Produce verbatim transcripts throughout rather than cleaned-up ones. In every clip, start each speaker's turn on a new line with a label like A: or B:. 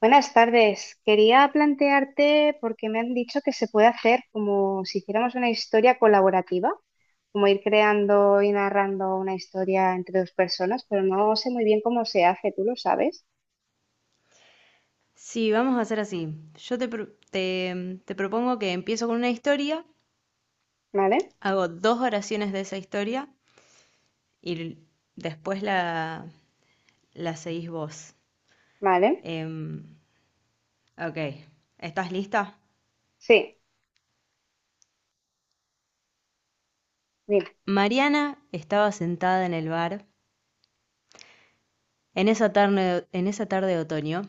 A: Buenas tardes. Quería plantearte, porque me han dicho que se puede hacer como si hiciéramos una historia colaborativa, como ir creando y narrando una historia entre dos personas, pero no sé muy bien cómo se hace, tú lo sabes,
B: Sí, vamos a hacer así. Yo te, pro- te, te propongo que empiezo con una historia,
A: ¿vale?
B: hago dos oraciones de esa historia y l- después la, la seguís vos.
A: ¿Vale?
B: Em, ok, ¿estás lista?
A: Sí, mira,
B: Mariana estaba sentada en el bar en esa tarde, en esa tarde de otoño,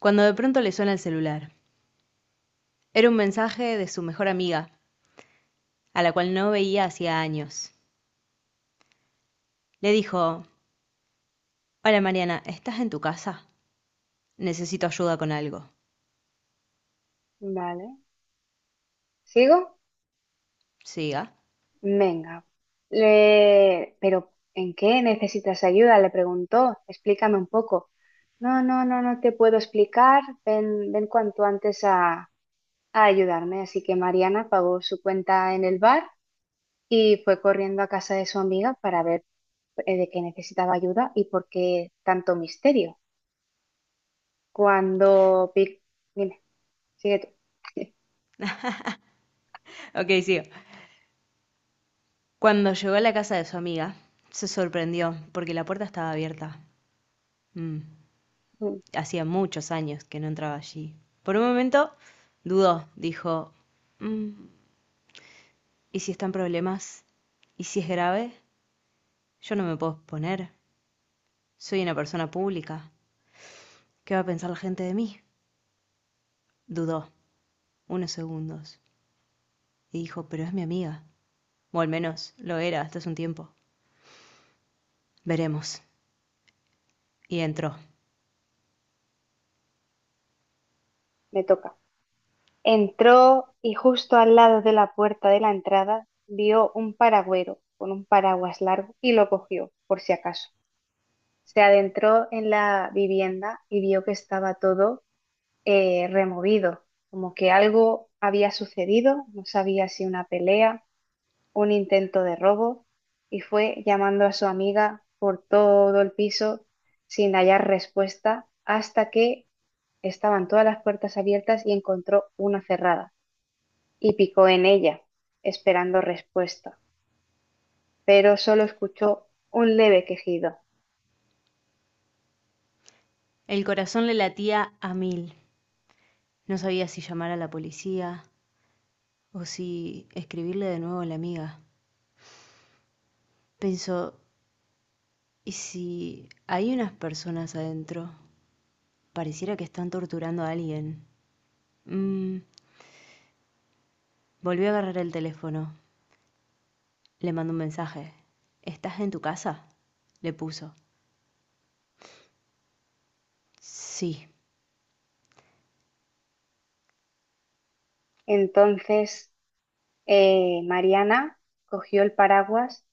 B: cuando de pronto le suena el celular. Era un mensaje de su mejor amiga, a la cual no veía hacía años. Le dijo, hola Mariana, ¿estás en tu casa? Necesito ayuda con algo.
A: vale. ¿Sigo?
B: Siga.
A: Venga. Le... Pero ¿en qué necesitas ayuda?, le preguntó. Explícame un poco. No, no, no, no te puedo explicar. Ven, ven cuanto antes a ayudarme, así que Mariana pagó su cuenta en el bar y fue corriendo a casa de su amiga para ver eh, de qué necesitaba ayuda y por qué tanto misterio. Cuando Pic, dime, sigue
B: Ok, sigo. Cuando llegó a la casa de su amiga, se sorprendió porque la puerta estaba abierta. Mm,
A: tú.
B: Hacía muchos años que no entraba allí. Por un momento dudó, dijo, "Mm, ¿y si están problemas? ¿Y si es grave? Yo no me puedo exponer. Soy una persona pública. ¿Qué va a pensar la gente de mí?" Dudó unos segundos y dijo, pero es mi amiga. O al menos lo era hasta hace un tiempo. Veremos. Y entró.
A: Me toca. Entró y justo al lado de la puerta de la entrada vio un paragüero con un paraguas largo y lo cogió, por si acaso. Se adentró en la vivienda y vio que estaba todo eh, removido, como que algo había sucedido, no sabía si una pelea, un intento de robo, y fue llamando a su amiga por todo el piso sin hallar respuesta hasta que estaban todas las puertas abiertas y encontró una cerrada y picó en ella, esperando respuesta, pero solo escuchó un leve quejido.
B: El corazón le latía a mil. No sabía si llamar a la policía o si escribirle de nuevo a la amiga. Pensó, ¿y si hay unas personas adentro? Pareciera que están torturando a alguien. Mm, Volvió a agarrar el teléfono. Le mandó un mensaje. ¿Estás en tu casa? Le puso. Sí.
A: Entonces, eh, Mariana cogió el paraguas,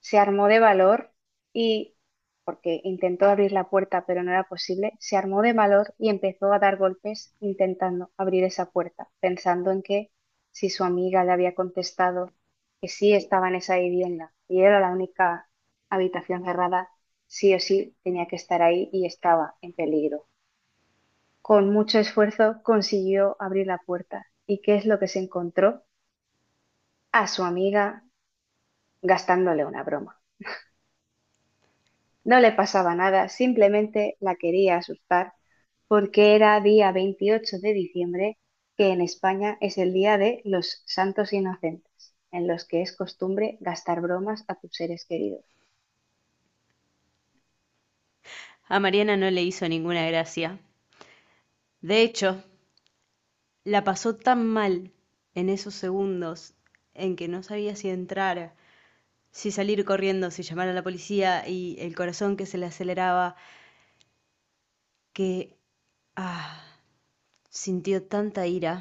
A: se armó de valor y, porque intentó abrir la puerta pero no era posible, se armó de valor y empezó a dar golpes intentando abrir esa puerta, pensando en que si su amiga le había contestado que sí estaba en esa vivienda y era la única habitación cerrada, sí o sí tenía que estar ahí y estaba en peligro. Con mucho esfuerzo consiguió abrir la puerta. ¿Y qué es lo que se encontró? A su amiga gastándole una broma. No le pasaba nada, simplemente la quería asustar porque era día veintiocho de diciembre, que en España es el día de los Santos Inocentes, en los que es costumbre gastar bromas a tus seres queridos.
B: A Mariana no le hizo ninguna gracia. De hecho, la pasó tan mal en esos segundos en que no sabía si entrar, si salir corriendo, si llamar a la policía y el corazón que se le aceleraba, que ah, sintió tanta ira,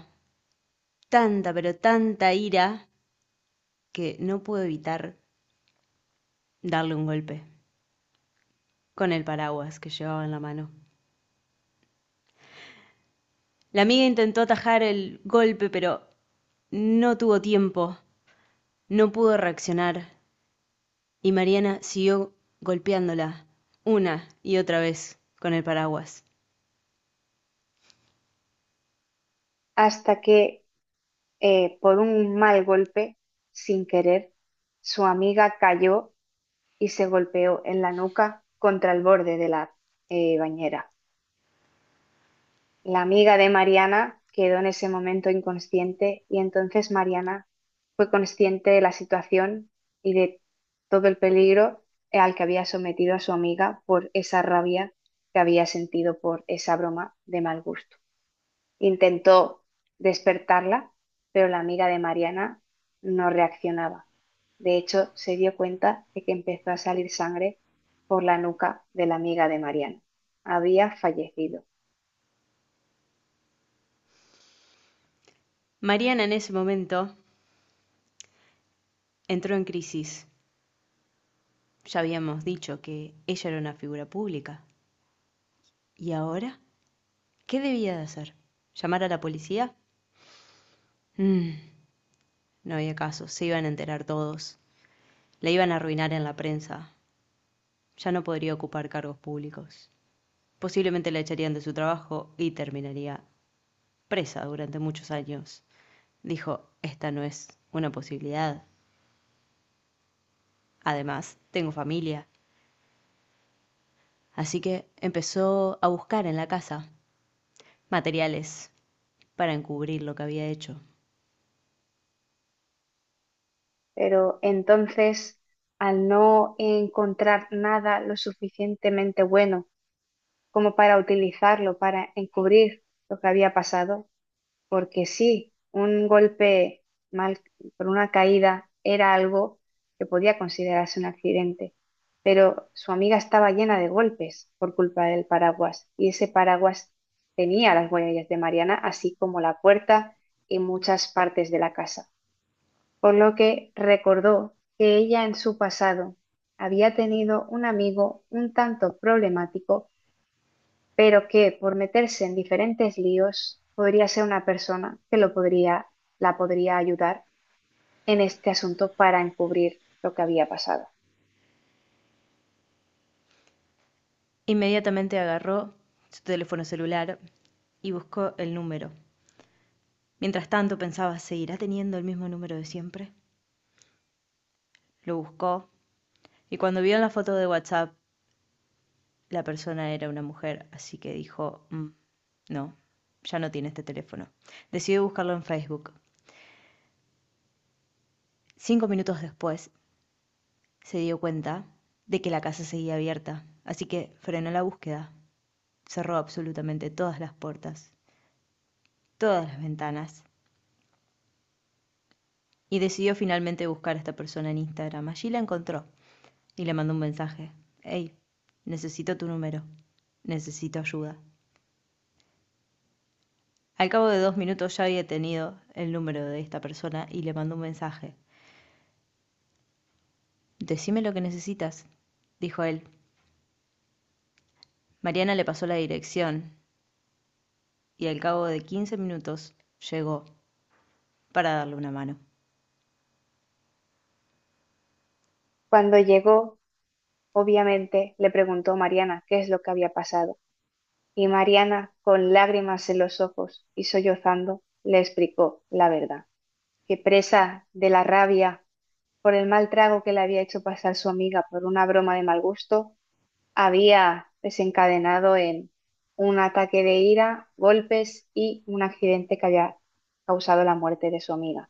B: tanta, pero tanta ira, que no pudo evitar darle un golpe con el paraguas que llevaba en la mano. La amiga intentó atajar el golpe, pero no tuvo tiempo, no pudo reaccionar, y Mariana siguió golpeándola una y otra vez con el paraguas.
A: Hasta que, eh, por un mal golpe, sin querer, su amiga cayó y se golpeó en la nuca contra el borde de la eh, bañera. La amiga de Mariana quedó en ese momento inconsciente y entonces Mariana fue consciente de la situación y de todo el peligro al que había sometido a su amiga por esa rabia que había sentido por esa broma de mal gusto. Intentó despertarla, pero la amiga de Mariana no reaccionaba. De hecho, se dio cuenta de que empezó a salir sangre por la nuca de la amiga de Mariana. Había fallecido.
B: Mariana en ese momento entró en crisis. Ya habíamos dicho que ella era una figura pública. ¿Y ahora? ¿Qué debía de hacer? ¿Llamar a la policía? Mm, no había caso, se iban a enterar todos. La iban a arruinar en la prensa. Ya no podría ocupar cargos públicos. Posiblemente la echarían de su trabajo y terminaría presa durante muchos años. Dijo, esta no es una posibilidad. Además, tengo familia. Así que empezó a buscar en la casa materiales para encubrir lo que había hecho.
A: Pero entonces, al no encontrar nada lo suficientemente bueno como para utilizarlo, para encubrir lo que había pasado, porque sí, un golpe mal por una caída era algo que podía considerarse un accidente, pero su amiga estaba llena de golpes por culpa del paraguas y ese paraguas tenía las huellas de Mariana, así como la puerta y muchas partes de la casa, por lo que recordó que ella en su pasado había tenido un amigo un tanto problemático, pero que por meterse en diferentes líos podría ser una persona que lo podría, la podría ayudar en este asunto para encubrir lo que había pasado.
B: Inmediatamente agarró su teléfono celular y buscó el número. Mientras tanto pensaba, ¿seguirá teniendo el mismo número de siempre? Lo buscó y cuando vio en la foto de WhatsApp, la persona era una mujer, así que dijo, "Mm, no, ya no tiene este teléfono." Decidió buscarlo en Facebook. Cinco minutos después se dio cuenta de que la casa seguía abierta, así que frenó la búsqueda. Cerró absolutamente todas las puertas, todas las ventanas. Y decidió finalmente buscar a esta persona en Instagram. Allí la encontró y le mandó un mensaje. Hey, necesito tu número. Necesito ayuda. Al cabo de dos minutos ya había tenido el número de esta persona y le mandó un mensaje. Decime lo que necesitas, dijo él. Mariana le pasó la dirección y al cabo de quince minutos llegó para darle una mano.
A: Cuando llegó, obviamente le preguntó a Mariana qué es lo que había pasado, y Mariana, con lágrimas en los ojos y sollozando, le explicó la verdad, que presa de la rabia por el mal trago que le había hecho pasar su amiga por una broma de mal gusto, había desencadenado en un ataque de ira, golpes y un accidente que había causado la muerte de su amiga.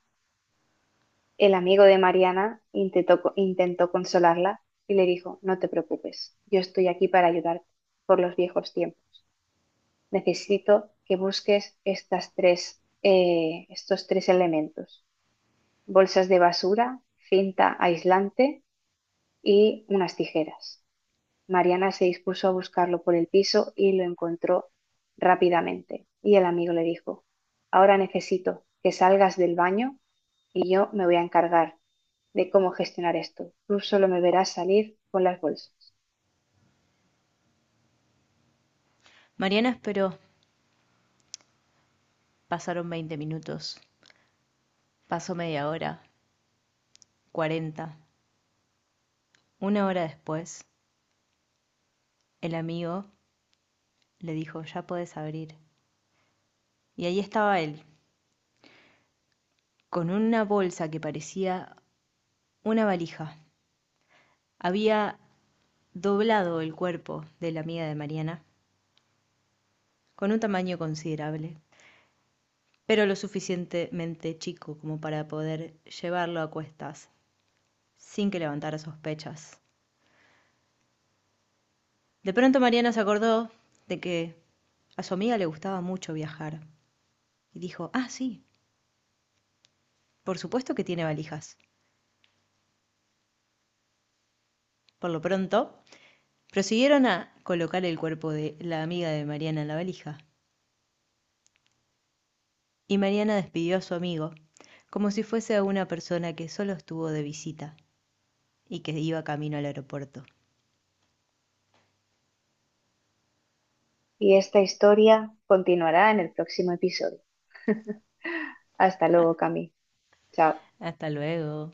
A: El amigo de Mariana intentó, co- intentó consolarla y le dijo, no te preocupes, yo estoy aquí para ayudarte por los viejos tiempos. Necesito que busques estas tres, eh, estos tres elementos: bolsas de basura, cinta aislante, y unas tijeras. Mariana se dispuso a buscarlo por el piso y lo encontró rápidamente. Y el amigo le dijo, ahora necesito que salgas del baño y yo me voy a encargar de cómo gestionar esto. Tú solo me verás salir con las bolsas.
B: Mariana esperó. Pasaron veinte minutos. Pasó media hora, cuarenta. Una hora después, el amigo le dijo, ya puedes abrir. Y ahí estaba él, con una bolsa que parecía una valija. Había doblado el cuerpo de la amiga de Mariana, con un tamaño considerable, pero lo suficientemente chico como para poder llevarlo a cuestas, sin que levantara sospechas. De pronto Mariana se acordó de que a su amiga le gustaba mucho viajar, y dijo, ah, sí, por supuesto que tiene valijas. Por lo pronto, prosiguieron a colocar el cuerpo de la amiga de Mariana en la valija, y Mariana despidió a su amigo, como si fuese a una persona que solo estuvo de visita y que iba camino al aeropuerto.
A: Y esta historia continuará en el próximo episodio. Hasta luego, Cami. Chao.
B: Hasta luego.